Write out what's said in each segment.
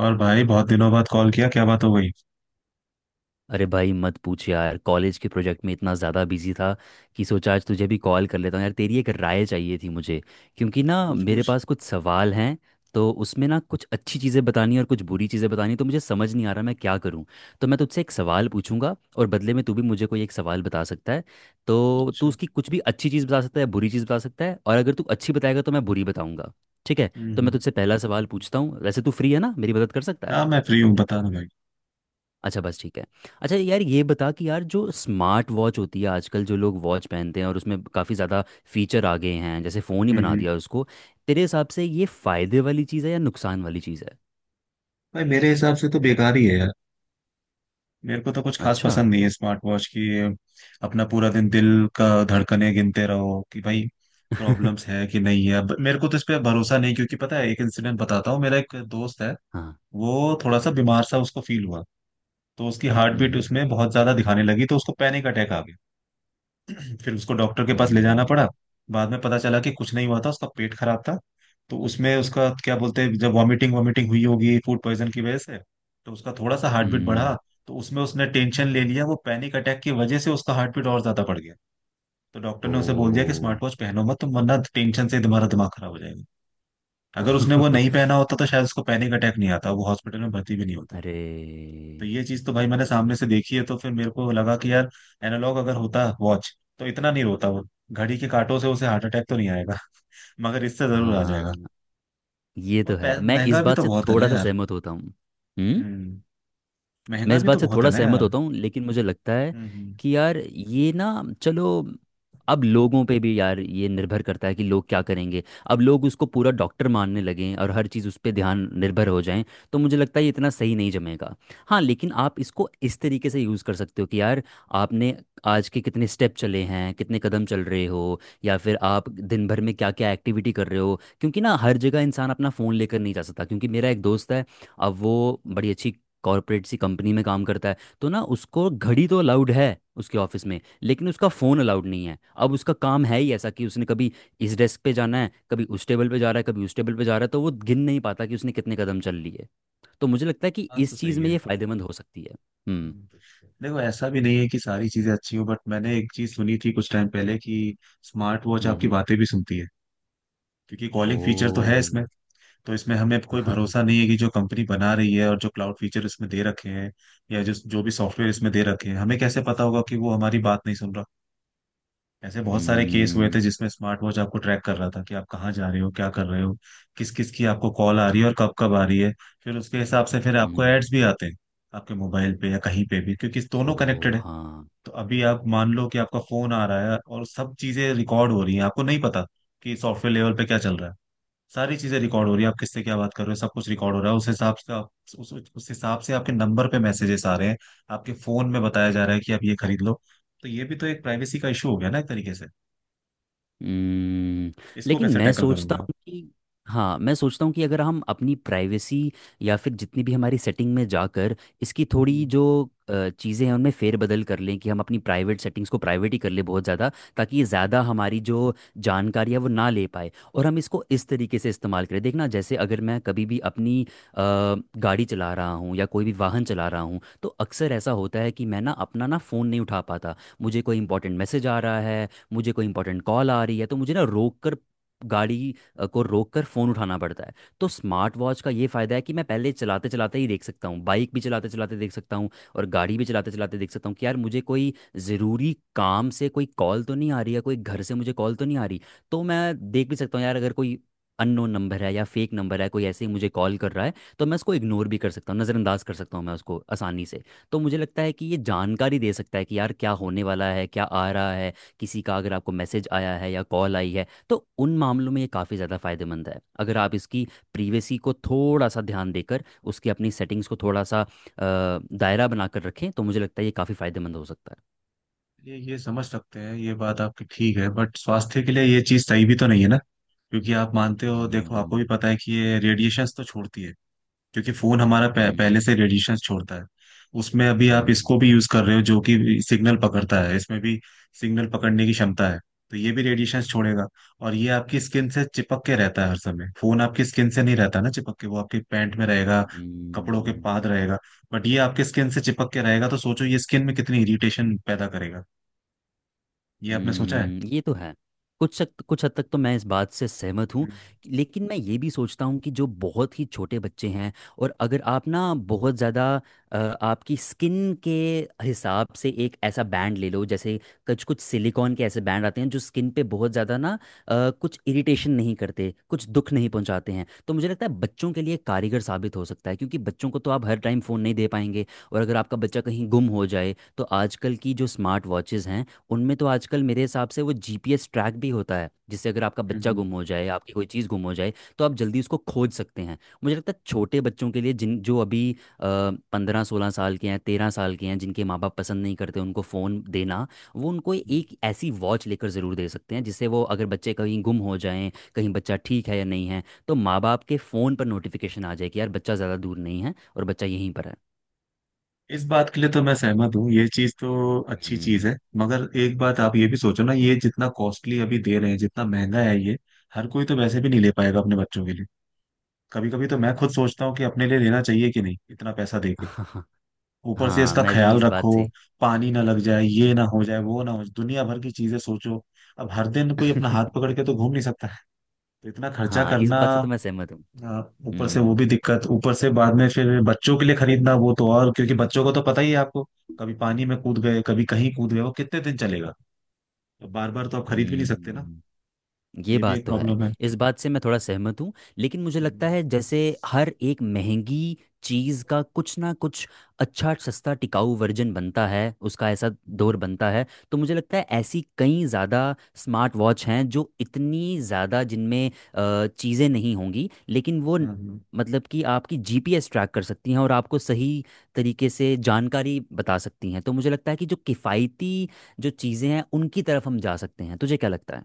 और भाई बहुत दिनों बाद कॉल किया, क्या बात हो गई? अरे भाई मत पूछ यार। कॉलेज के प्रोजेक्ट में इतना ज़्यादा बिजी था कि सोचा आज तुझे भी कॉल कर लेता हूँ। यार तेरी एक राय चाहिए थी मुझे, क्योंकि ना पूछ मेरे पूछ। पास कुछ सवाल हैं। तो उसमें ना कुछ अच्छी चीज़ें बतानी और कुछ बुरी चीज़ें बतानी, तो मुझे समझ नहीं आ रहा मैं क्या करूँ। तो मैं तुझसे एक सवाल पूछूंगा और बदले में तू भी मुझे कोई एक सवाल बता सकता है। तो तू अच्छा। उसकी कुछ भी अच्छी चीज़ बता सकता है, बुरी चीज़ बता सकता है, और अगर तू अच्छी बताएगा तो मैं बुरी बताऊंगा। ठीक है। तो मैं हम्म। तुझसे पहला सवाल पूछता हूँ। वैसे तू फ्री है ना? मेरी मदद कर सकता है? ना, मैं फ्री हूँ, बता दो भाई। अच्छा बस, ठीक है। अच्छा यार, ये बता कि यार जो स्मार्ट वॉच होती है आजकल, जो लोग वॉच पहनते हैं और उसमें काफ़ी ज़्यादा फीचर आ गए हैं, जैसे फ़ोन ही हम्म हम्म। बना दिया उसको। तेरे हिसाब से ये फ़ायदे वाली चीज़ है या नुकसान वाली चीज़ है? भाई मेरे हिसाब से तो बेकार ही है यार। मेरे को तो कुछ खास अच्छा। पसंद नहीं है स्मार्ट वॉच की ये। अपना पूरा दिन दिल का धड़कने गिनते रहो कि भाई प्रॉब्लम्स है कि नहीं है। अब मेरे को तो इस पे भरोसा नहीं, क्योंकि पता है, एक इंसिडेंट बताता हूँ। मेरा एक दोस्त है, हाँ। वो थोड़ा सा बीमार सा उसको फील हुआ, तो उसकी हार्ट बीट हम्म उसमें बहुत ज्यादा दिखाने लगी, तो उसको पैनिक अटैक आ गया। फिर उसको डॉक्टर के पास ले जाना पड़ा। हम्म बाद में पता चला कि कुछ नहीं हुआ था, उसका पेट खराब था। तो उसमें उसका क्या बोलते हैं, जब वॉमिटिंग वॉमिटिंग हुई होगी फूड पॉइजन की वजह से, तो उसका थोड़ा सा हार्ट बीट हम्म, बढ़ा, तो उसमें उसने टेंशन ले लिया, वो पैनिक अटैक की वजह से उसका हार्ट बीट और ज्यादा बढ़ गया। तो डॉक्टर ने उसे बोल दिया कि ओ। स्मार्ट वॉच पहनो मत तुम, वरना टेंशन से तुम्हारा दिमाग खराब हो जाएगा। अगर उसने वो नहीं पहना होता तो शायद उसको पैनिक अटैक नहीं आता, वो हॉस्पिटल में भर्ती भी नहीं होता। अरे। तो ये चीज तो भाई मैंने सामने से देखी है, तो फिर मेरे को लगा कि यार, एनालॉग अगर होता वॉच तो इतना नहीं रोता वो। घड़ी के कांटों से उसे हार्ट अटैक तो नहीं आएगा, मगर इससे जरूर आ जाएगा। हाँ, ये और तो है, मैं इस महंगा भी बात तो से बहुत है ना थोड़ा सा यार। सहमत होता हूँ। हम्म? हम्म। मैं महंगा इस भी तो बात से बहुत है थोड़ा ना सहमत यार। होता हूँ, लेकिन मुझे लगता है हम्म। कि यार ये ना, चलो, अब लोगों पे भी यार ये निर्भर करता है कि लोग क्या करेंगे। अब लोग उसको पूरा डॉक्टर मानने लगे और हर चीज़ उस पर ध्यान निर्भर हो जाएं, तो मुझे लगता है ये इतना सही नहीं जमेगा। हाँ, लेकिन आप इसको इस तरीके से यूज़ कर सकते हो कि यार आपने आज के कितने स्टेप चले हैं, कितने कदम चल रहे हो, या फिर आप दिन भर में क्या क्या एक्टिविटी कर रहे हो, क्योंकि ना हर जगह इंसान अपना फ़ोन लेकर नहीं जा सकता। क्योंकि मेरा एक दोस्त है, अब वो बड़ी अच्छी कॉर्पोरेट सी कंपनी में काम करता है, तो ना उसको घड़ी तो अलाउड है उसके ऑफिस में, लेकिन उसका फ़ोन अलाउड नहीं है। अब उसका काम है ही ऐसा कि उसने कभी इस डेस्क पे जाना है, कभी उस टेबल पे जा रहा है, कभी उस टेबल पे जा रहा है, तो वो गिन नहीं पाता कि उसने कितने कदम चल लिए। तो मुझे लगता है कि बात तो इस सही चीज़ में है। ये फ़ायदेमंद हो सकती है। हम्म हम्म। देखो ऐसा भी नहीं है कि सारी चीजें अच्छी हो, बट मैंने एक चीज सुनी थी कुछ टाइम पहले कि स्मार्ट वॉच आपकी हम्म। बातें भी सुनती है, क्योंकि ओ। कॉलिंग फीचर तो है इसमें। तो इसमें हमें कोई भरोसा नहीं है कि जो कंपनी बना रही है और जो क्लाउड फीचर इसमें दे रखे हैं या जो जो भी सॉफ्टवेयर इसमें दे रखे हैं, हमें कैसे पता होगा कि वो हमारी बात नहीं सुन रहा। ऐसे बहुत सारे केस हुए हम्म थे जिसमें स्मार्ट वॉच आपको ट्रैक कर रहा था कि आप कहाँ जा रहे हो, क्या कर रहे हो, किस किस की आपको कॉल आ रही है और कब कब आ रही है। फिर उसके हिसाब से फिर आपको हम्म, एड्स भी आते हैं आपके मोबाइल पे या कहीं पे भी, क्योंकि दोनों ओ। कनेक्टेड है। हाँ। तो अभी आप मान लो कि आपका फोन आ रहा है और सब चीजें रिकॉर्ड हो रही हैं, आपको नहीं पता कि सॉफ्टवेयर लेवल पे क्या चल रहा है। सारी चीजें रिकॉर्ड हो रही है, आप किससे क्या बात कर रहे हो सब कुछ रिकॉर्ड हो रहा है, उस हिसाब से आप उस हिसाब से आपके नंबर पे मैसेजेस आ रहे हैं, आपके फोन में बताया जा रहा है कि आप ये खरीद लो। तो ये भी तो एक प्राइवेसी का इशू हो गया ना एक तरीके से। हम्म, इसको लेकिन कैसे मैं टैकल करोगे सोचता आप? हूँ कि हाँ, मैं सोचता हूँ कि अगर हम अपनी प्राइवेसी या फिर जितनी भी हमारी सेटिंग में जाकर इसकी थोड़ी हम्म। जो चीज़ें हैं उनमें फेरबदल कर लें, कि हम अपनी प्राइवेट सेटिंग्स को प्राइवेट ही कर लें बहुत ज़्यादा, ताकि ये ज़्यादा हमारी जो जानकारी है वो ना ले पाए, और हम इसको इस तरीके से इस्तेमाल करें। देखना, जैसे अगर मैं कभी भी अपनी गाड़ी चला रहा हूँ या कोई भी वाहन चला रहा हूँ, तो अक्सर ऐसा होता है कि मैं ना अपना ना फ़ोन नहीं उठा पाता। मुझे कोई इंपॉर्टेंट मैसेज आ रहा है, मुझे कोई इंपॉर्टेंट कॉल आ रही है, तो मुझे ना रोक कर गाड़ी को रोक कर फ़ोन उठाना पड़ता है। तो स्मार्ट वॉच का ये फ़ायदा है कि मैं पहले चलाते चलाते ही देख सकता हूँ, बाइक भी चलाते चलाते देख सकता हूँ और गाड़ी भी चलाते चलाते देख सकता हूँ कि यार मुझे कोई ज़रूरी काम से कोई कॉल तो नहीं आ रही है, कोई घर से मुझे कॉल तो नहीं आ रही। तो मैं देख भी सकता हूँ यार अगर कोई अननोन नंबर है या फेक नंबर है, कोई ऐसे ही मुझे कॉल कर रहा है, तो मैं उसको इग्नोर भी कर सकता हूँ, नज़रअंदाज कर सकता हूँ मैं उसको आसानी से। तो मुझे लगता है कि ये जानकारी दे सकता है कि यार क्या होने वाला है, क्या आ रहा है। किसी का अगर आपको मैसेज आया है या कॉल आई है, तो उन मामलों में ये काफ़ी ज़्यादा फायदेमंद है। अगर आप इसकी प्रीवेसी को थोड़ा सा ध्यान देकर उसकी अपनी सेटिंग्स को थोड़ा सा दायरा बनाकर रखें, तो मुझे लगता है ये काफ़ी फायदेमंद हो सकता है। ये समझ सकते हैं, ये बात आपकी ठीक है, बट स्वास्थ्य के लिए ये चीज सही भी तो नहीं है ना, क्योंकि आप मानते हो, देखो आपको हम्म भी पता है कि ये रेडिएशंस तो छोड़ती है। क्योंकि फोन हमारा हम्म पहले से रेडिएशन छोड़ता है, उसमें अभी आप हम्म इसको भी यूज कर रहे हो जो कि सिग्नल पकड़ता है, इसमें भी सिग्नल पकड़ने की क्षमता है, तो ये भी रेडिएशन छोड़ेगा। और ये आपकी स्किन से चिपक के रहता है हर समय, फोन आपकी स्किन से नहीं रहता ना चिपक के, वो आपके पैंट में रहेगा, कपड़ों के हम्म। पाद रहेगा, बट ये आपके स्किन से चिपक के रहेगा, तो सोचो ये स्किन में कितनी इरिटेशन पैदा करेगा। ये आपने सोचा है? हम्म, ये तो है। कुछ हद तक तो मैं इस बात से सहमत हूँ, हम्म लेकिन मैं ये भी सोचता हूँ कि जो बहुत ही छोटे बच्चे हैं, और अगर आप ना बहुत ज़्यादा आपकी स्किन के हिसाब से एक ऐसा बैंड ले लो, जैसे कुछ कुछ सिलिकॉन के ऐसे बैंड आते हैं जो स्किन पे बहुत ज़्यादा ना कुछ इरिटेशन नहीं करते, कुछ दुख नहीं पहुंचाते हैं, तो मुझे लगता है बच्चों के लिए कारगर साबित हो सकता है, क्योंकि बच्चों को तो आप हर टाइम फ़ोन नहीं दे पाएंगे। और अगर आपका बच्चा कहीं गुम हो जाए, तो आजकल की जो स्मार्ट वॉचेज़ हैं उनमें तो आजकल मेरे हिसाब से वो जीपीएस ट्रैक भी होता है, जिससे अगर आपका हम्म, बच्चा हम्म, गुम हो जाए, आपकी कोई चीज़ गुम हो जाए, तो आप जल्दी उसको खोज सकते हैं। मुझे लगता है छोटे बच्चों के लिए, जिन जो अभी 15 16 साल के हैं, 13 साल के हैं, जिनके माँ बाप पसंद नहीं करते उनको फ़ोन देना, वो उनको हम्म। एक ऐसी वॉच लेकर ज़रूर दे सकते हैं, जिससे वो अगर बच्चे कहीं गुम हो जाएं, कहीं बच्चा ठीक है या नहीं है, तो माँ बाप के फ़ोन पर नोटिफिकेशन आ जाए कि यार बच्चा ज़्यादा दूर नहीं है और बच्चा यहीं पर है। इस बात के लिए तो मैं सहमत हूँ, ये चीज तो अच्छी चीज हम्म। है, मगर एक बात आप ये भी सोचो ना, ये जितना कॉस्टली अभी दे रहे हैं, जितना महंगा है ये, हर कोई तो वैसे भी नहीं ले पाएगा अपने बच्चों के लिए। कभी कभी तो मैं खुद सोचता हूँ कि अपने लिए लेना चाहिए कि नहीं इतना पैसा दे के। ऊपर से हाँ, इसका मैं भी ख्याल इस रखो, बात से। पानी ना लग जाए, ये ना हो जाए, वो ना हो जाए, दुनिया भर की चीजें सोचो। अब हर दिन कोई अपना हाथ पकड़ के तो घूम नहीं सकता है, तो इतना खर्चा हाँ, इस करना। बात से तो मैं सहमत हूँ। हाँ, ऊपर से वो हम्म भी दिक्कत, ऊपर से बाद में फिर बच्चों के लिए खरीदना वो तो और, क्योंकि बच्चों को तो पता ही है आपको, कभी पानी में कूद गए कभी कहीं कूद गए, वो कितने दिन चलेगा। तो बार बार तो आप खरीद भी नहीं सकते ना। हम्म, ये ये भी बात एक तो है। प्रॉब्लम है। इस बात से मैं थोड़ा सहमत हूँ, लेकिन मुझे लगता हम्म, है जैसे हर एक महंगी चीज़ का कुछ ना कुछ अच्छा सस्ता टिकाऊ वर्जन बनता है, उसका ऐसा हम्म, दौर बनता है, तो मुझे लगता है ऐसी कई ज़्यादा स्मार्ट वॉच हैं जो इतनी ज़्यादा जिनमें चीज़ें नहीं होंगी, लेकिन वो हाँ, न- हाँ। मतलब कि आपकी जीपीएस ट्रैक कर सकती हैं और आपको सही तरीके से जानकारी बता सकती हैं। तो मुझे लगता है कि जो किफ़ायती जो चीज़ें हैं उनकी तरफ हम जा सकते हैं। तुझे क्या लगता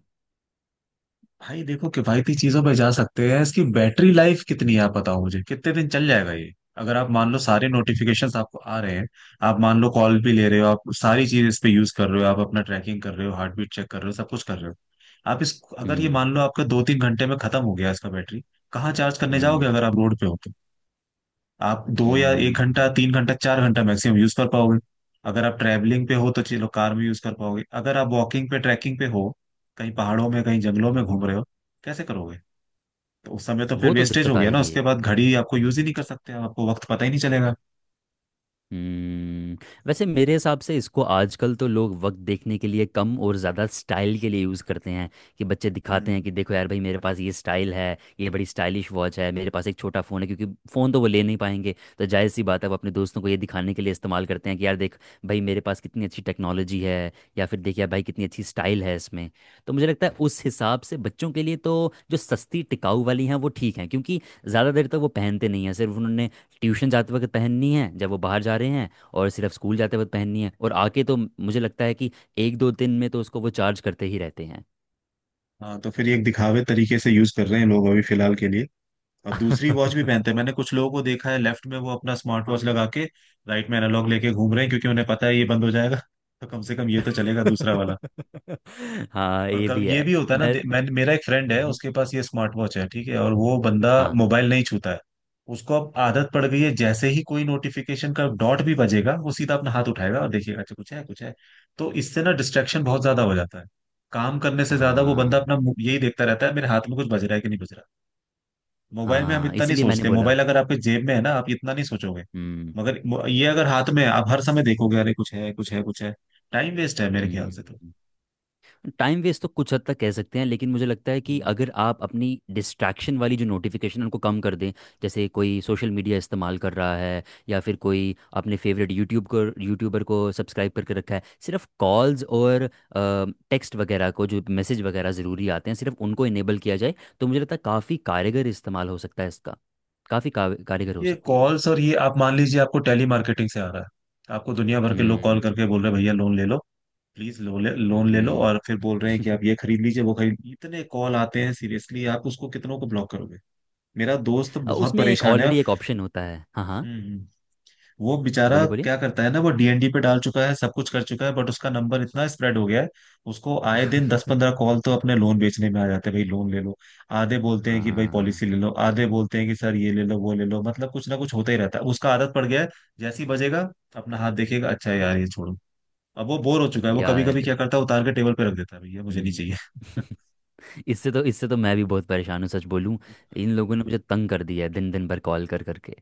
भाई देखो किफायती चीजों पे जा सकते हैं, इसकी बैटरी लाइफ कितनी है आप है? बताओ मुझे, कितने दिन चल जाएगा ये? अगर आप मान लो सारे नोटिफिकेशंस आपको आ रहे हैं, आप मान लो कॉल भी ले रहे हो, आप सारी चीज इस पे यूज कर रहे हो, आप अपना ट्रैकिंग कर रहे हो, हार्ट बीट चेक कर रहे हो, सब कुछ कर रहे हो, आप इस अगर ये हम्म मान लो आपका 2-3 घंटे में खत्म हो गया इसका बैटरी, कहाँ चार्ज करने जाओगे हम्म अगर आप रोड पे हो तो? आप दो या एक घंटा हम्म, तीन घंटा चार घंटा मैक्सिमम यूज कर पाओगे। अगर आप ट्रैवलिंग पे हो तो चलो कार में यूज कर पाओगे, अगर आप वॉकिंग पे ट्रैकिंग पे हो, कहीं पहाड़ों में कहीं जंगलों में घूम हम्म। रहे हो, कैसे करोगे? तो उस समय तो फिर वो तो वेस्टेज दिक्कत हो गया ना, आएगी उसके एक। बाद घड़ी आपको यूज ही नहीं हम्म, कर सकते आप, आपको वक्त पता ही नहीं चलेगा। हम्म। वैसे मेरे हिसाब से इसको आजकल तो लोग वक्त देखने के लिए कम और ज़्यादा स्टाइल के लिए यूज़ करते हैं, कि बच्चे दिखाते हैं हम्म। कि देखो यार भाई मेरे पास ये स्टाइल है, ये बड़ी स्टाइलिश वॉच है मेरे पास, एक छोटा फ़ोन है, क्योंकि फ़ोन तो वो ले नहीं पाएंगे, तो जायज़ सी बात है वो अपने दोस्तों को ये दिखाने के लिए इस्तेमाल करते हैं कि यार देख भाई मेरे पास कितनी अच्छी टेक्नोलॉजी है, या फिर देख यार भाई कितनी अच्छी स्टाइल है इसमें। तो मुझे लगता है उस हिसाब से बच्चों के लिए तो जो सस्ती टिकाऊ वाली हैं वो ठीक हैं, क्योंकि ज़्यादा देर तक वो पहनते नहीं हैं, सिर्फ उन्होंने ट्यूशन जाते वक्त पहननी है जब वो बाहर जा रहे हैं, और सिर्फ स्कूल जाते वक्त पहननी है और आके, तो मुझे लगता है कि एक दो दिन में तो उसको वो चार्ज करते ही रहते हैं। हाँ, तो फिर ये एक दिखावे तरीके से यूज कर रहे हैं लोग अभी फिलहाल के लिए, और दूसरी वॉच भी पहनते हैं। मैंने कुछ लोगों को देखा है, लेफ्ट में वो अपना स्मार्ट वॉच लगा के राइट में एनालॉग लेके घूम रहे हैं, क्योंकि उन्हें पता है ये बंद हो जाएगा, तो कम से कम ये तो चलेगा दूसरा वाला। हाँ, और ये भी कभी ये है। भी होता है ना, मैं। मैं, मेरा एक फ्रेंड है, हम्म। उसके पास ये स्मार्ट वॉच है, ठीक है, और वो बंदा हाँ मोबाइल नहीं छूता है, उसको अब आदत पड़ गई है, जैसे ही कोई नोटिफिकेशन का डॉट भी बजेगा वो सीधा अपना हाथ उठाएगा और देखेगा अच्छा कुछ है कुछ है। तो इससे ना डिस्ट्रैक्शन बहुत ज्यादा हो जाता है, काम करने से ज्यादा वो हाँ बंदा अपना यही देखता रहता है, मेरे हाथ में कुछ बज रहा है कि नहीं बज रहा। मोबाइल में हम हाँ, इतना नहीं इसीलिए मैंने सोचते, बोला। मोबाइल अगर आपके जेब में है ना, आप इतना नहीं सोचोगे, हम्म मगर ये अगर हाथ में है आप हर समय देखोगे अरे कुछ है कुछ है कुछ है। टाइम वेस्ट है मेरे ख्याल से तो। हम्म। टाइम वेस्ट तो कुछ हद तक कह सकते हैं, लेकिन मुझे लगता है कि अगर हम्म। आप अपनी डिस्ट्रैक्शन वाली जो नोटिफिकेशन उनको कम कर दें, जैसे कोई सोशल मीडिया इस्तेमाल कर रहा है, या फिर कोई अपने फेवरेट यूट्यूब को यूट्यूबर को सब्सक्राइब करके रखा है, सिर्फ कॉल्स और टेक्स्ट वगैरह को, जो मैसेज वगैरह ज़रूरी आते हैं सिर्फ उनको इनेबल किया जाए, तो मुझे लगता है काफ़ी कारगर इस्तेमाल हो सकता है इसका। कारगर हो देखिए सकती है। कॉल्स और ये, आप मान लीजिए आपको टेली मार्केटिंग से आ रहा है, आपको दुनिया भर के लोग कॉल हम्म करके बोल रहे हैं भैया लोन ले लो, प्लीज लोन ले लो, हम्म। और फिर बोल रहे हैं कि आप ये खरीद लीजिए वो खरीद, इतने कॉल आते हैं सीरियसली, आप उसको कितनों को ब्लॉक करोगे? मेरा दोस्त बहुत उसमें एक परेशान है। ऑलरेडी एक ऑप्शन होता है। हाँ हाँ, हम्म हम्म। वो बेचारा बोलिए बोलिए। क्या करता है ना, वो डीएनडी पे डाल चुका है, सब कुछ कर चुका है, बट उसका नंबर इतना स्प्रेड हो गया है, उसको आए दिन दस पंद्रह कॉल तो अपने लोन बेचने में आ जाते हैं, भाई लोन ले लो। आधे बोलते हैं कि भाई आ, पॉलिसी ले लो, आधे बोलते हैं कि सर ये ले लो वो ले लो, मतलब कुछ ना कुछ होता ही रहता है, उसका आदत पड़ गया है, जैसे ही बजेगा अपना हाथ देखेगा, अच्छा यार ये छोड़ो, अब वो बोर हो चुका है, वो कभी यार। कभी क्या करता है उतार के टेबल पे रख देता है, भैया मुझे नहीं हम्म, चाहिए। इससे तो, इससे तो मैं भी बहुत परेशान हूँ, सच बोलूँ। इन लोगों ने मुझे तंग कर दिया है दिन दिन भर कॉल कर करके।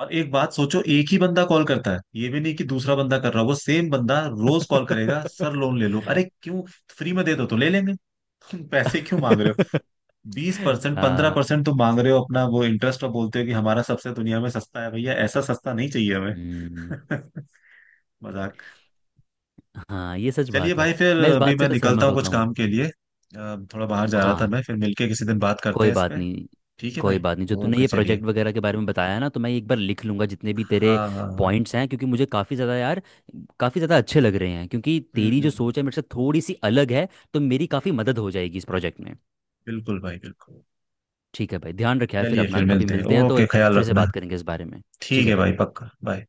और एक बात सोचो, एक ही बंदा कॉल करता है, ये भी नहीं कि दूसरा बंदा कर रहा हो, वो सेम बंदा रोज कॉल करेगा सर लोन ले लो, अरे क्यों, फ्री में दे दो तो ले लेंगे। तुम पैसे क्यों मांग रहे हो, 20% पंद्रह हाँ। परसेंट तुम मांग रहे हो अपना वो इंटरेस्ट, और बोलते हो कि हमारा सबसे दुनिया में सस्ता है, भैया ऐसा सस्ता नहीं चाहिए हमें। हम्म, मजाक। हाँ, ये सच चलिए बात है। भाई, फिर मैं इस अभी बात से मैं तो निकलता सहमत हूँ होता कुछ हूँ। काम के लिए, थोड़ा बाहर जा रहा था हाँ। मैं, फिर मिलके किसी दिन बात करते कोई हैं इस बात पे। नहीं। ठीक है कोई भाई। बात नहीं, जो तूने ओके ये चलिए। प्रोजेक्ट वगैरह के बारे में बताया ना, तो मैं एक बार लिख लूँगा जितने भी तेरे हाँ हाँ हाँ। पॉइंट्स हैं, क्योंकि मुझे काफ़ी ज़्यादा यार काफ़ी ज़्यादा अच्छे लग रहे हैं, क्योंकि हम्म तेरी हम्म जो हम्म। सोच है मेरे से थोड़ी सी अलग है। तो मेरी काफ़ी मदद हो जाएगी इस प्रोजेक्ट में। बिल्कुल भाई बिल्कुल। ठीक है भाई, ध्यान रखे यार, फिर चलिए अपना फिर कभी मिलते हैं, मिलते हैं तो ओके, ख्याल फिर से रखना। बात करेंगे इस बारे में। ठीक ठीक है है भाई, भाई। पक्का, बाय।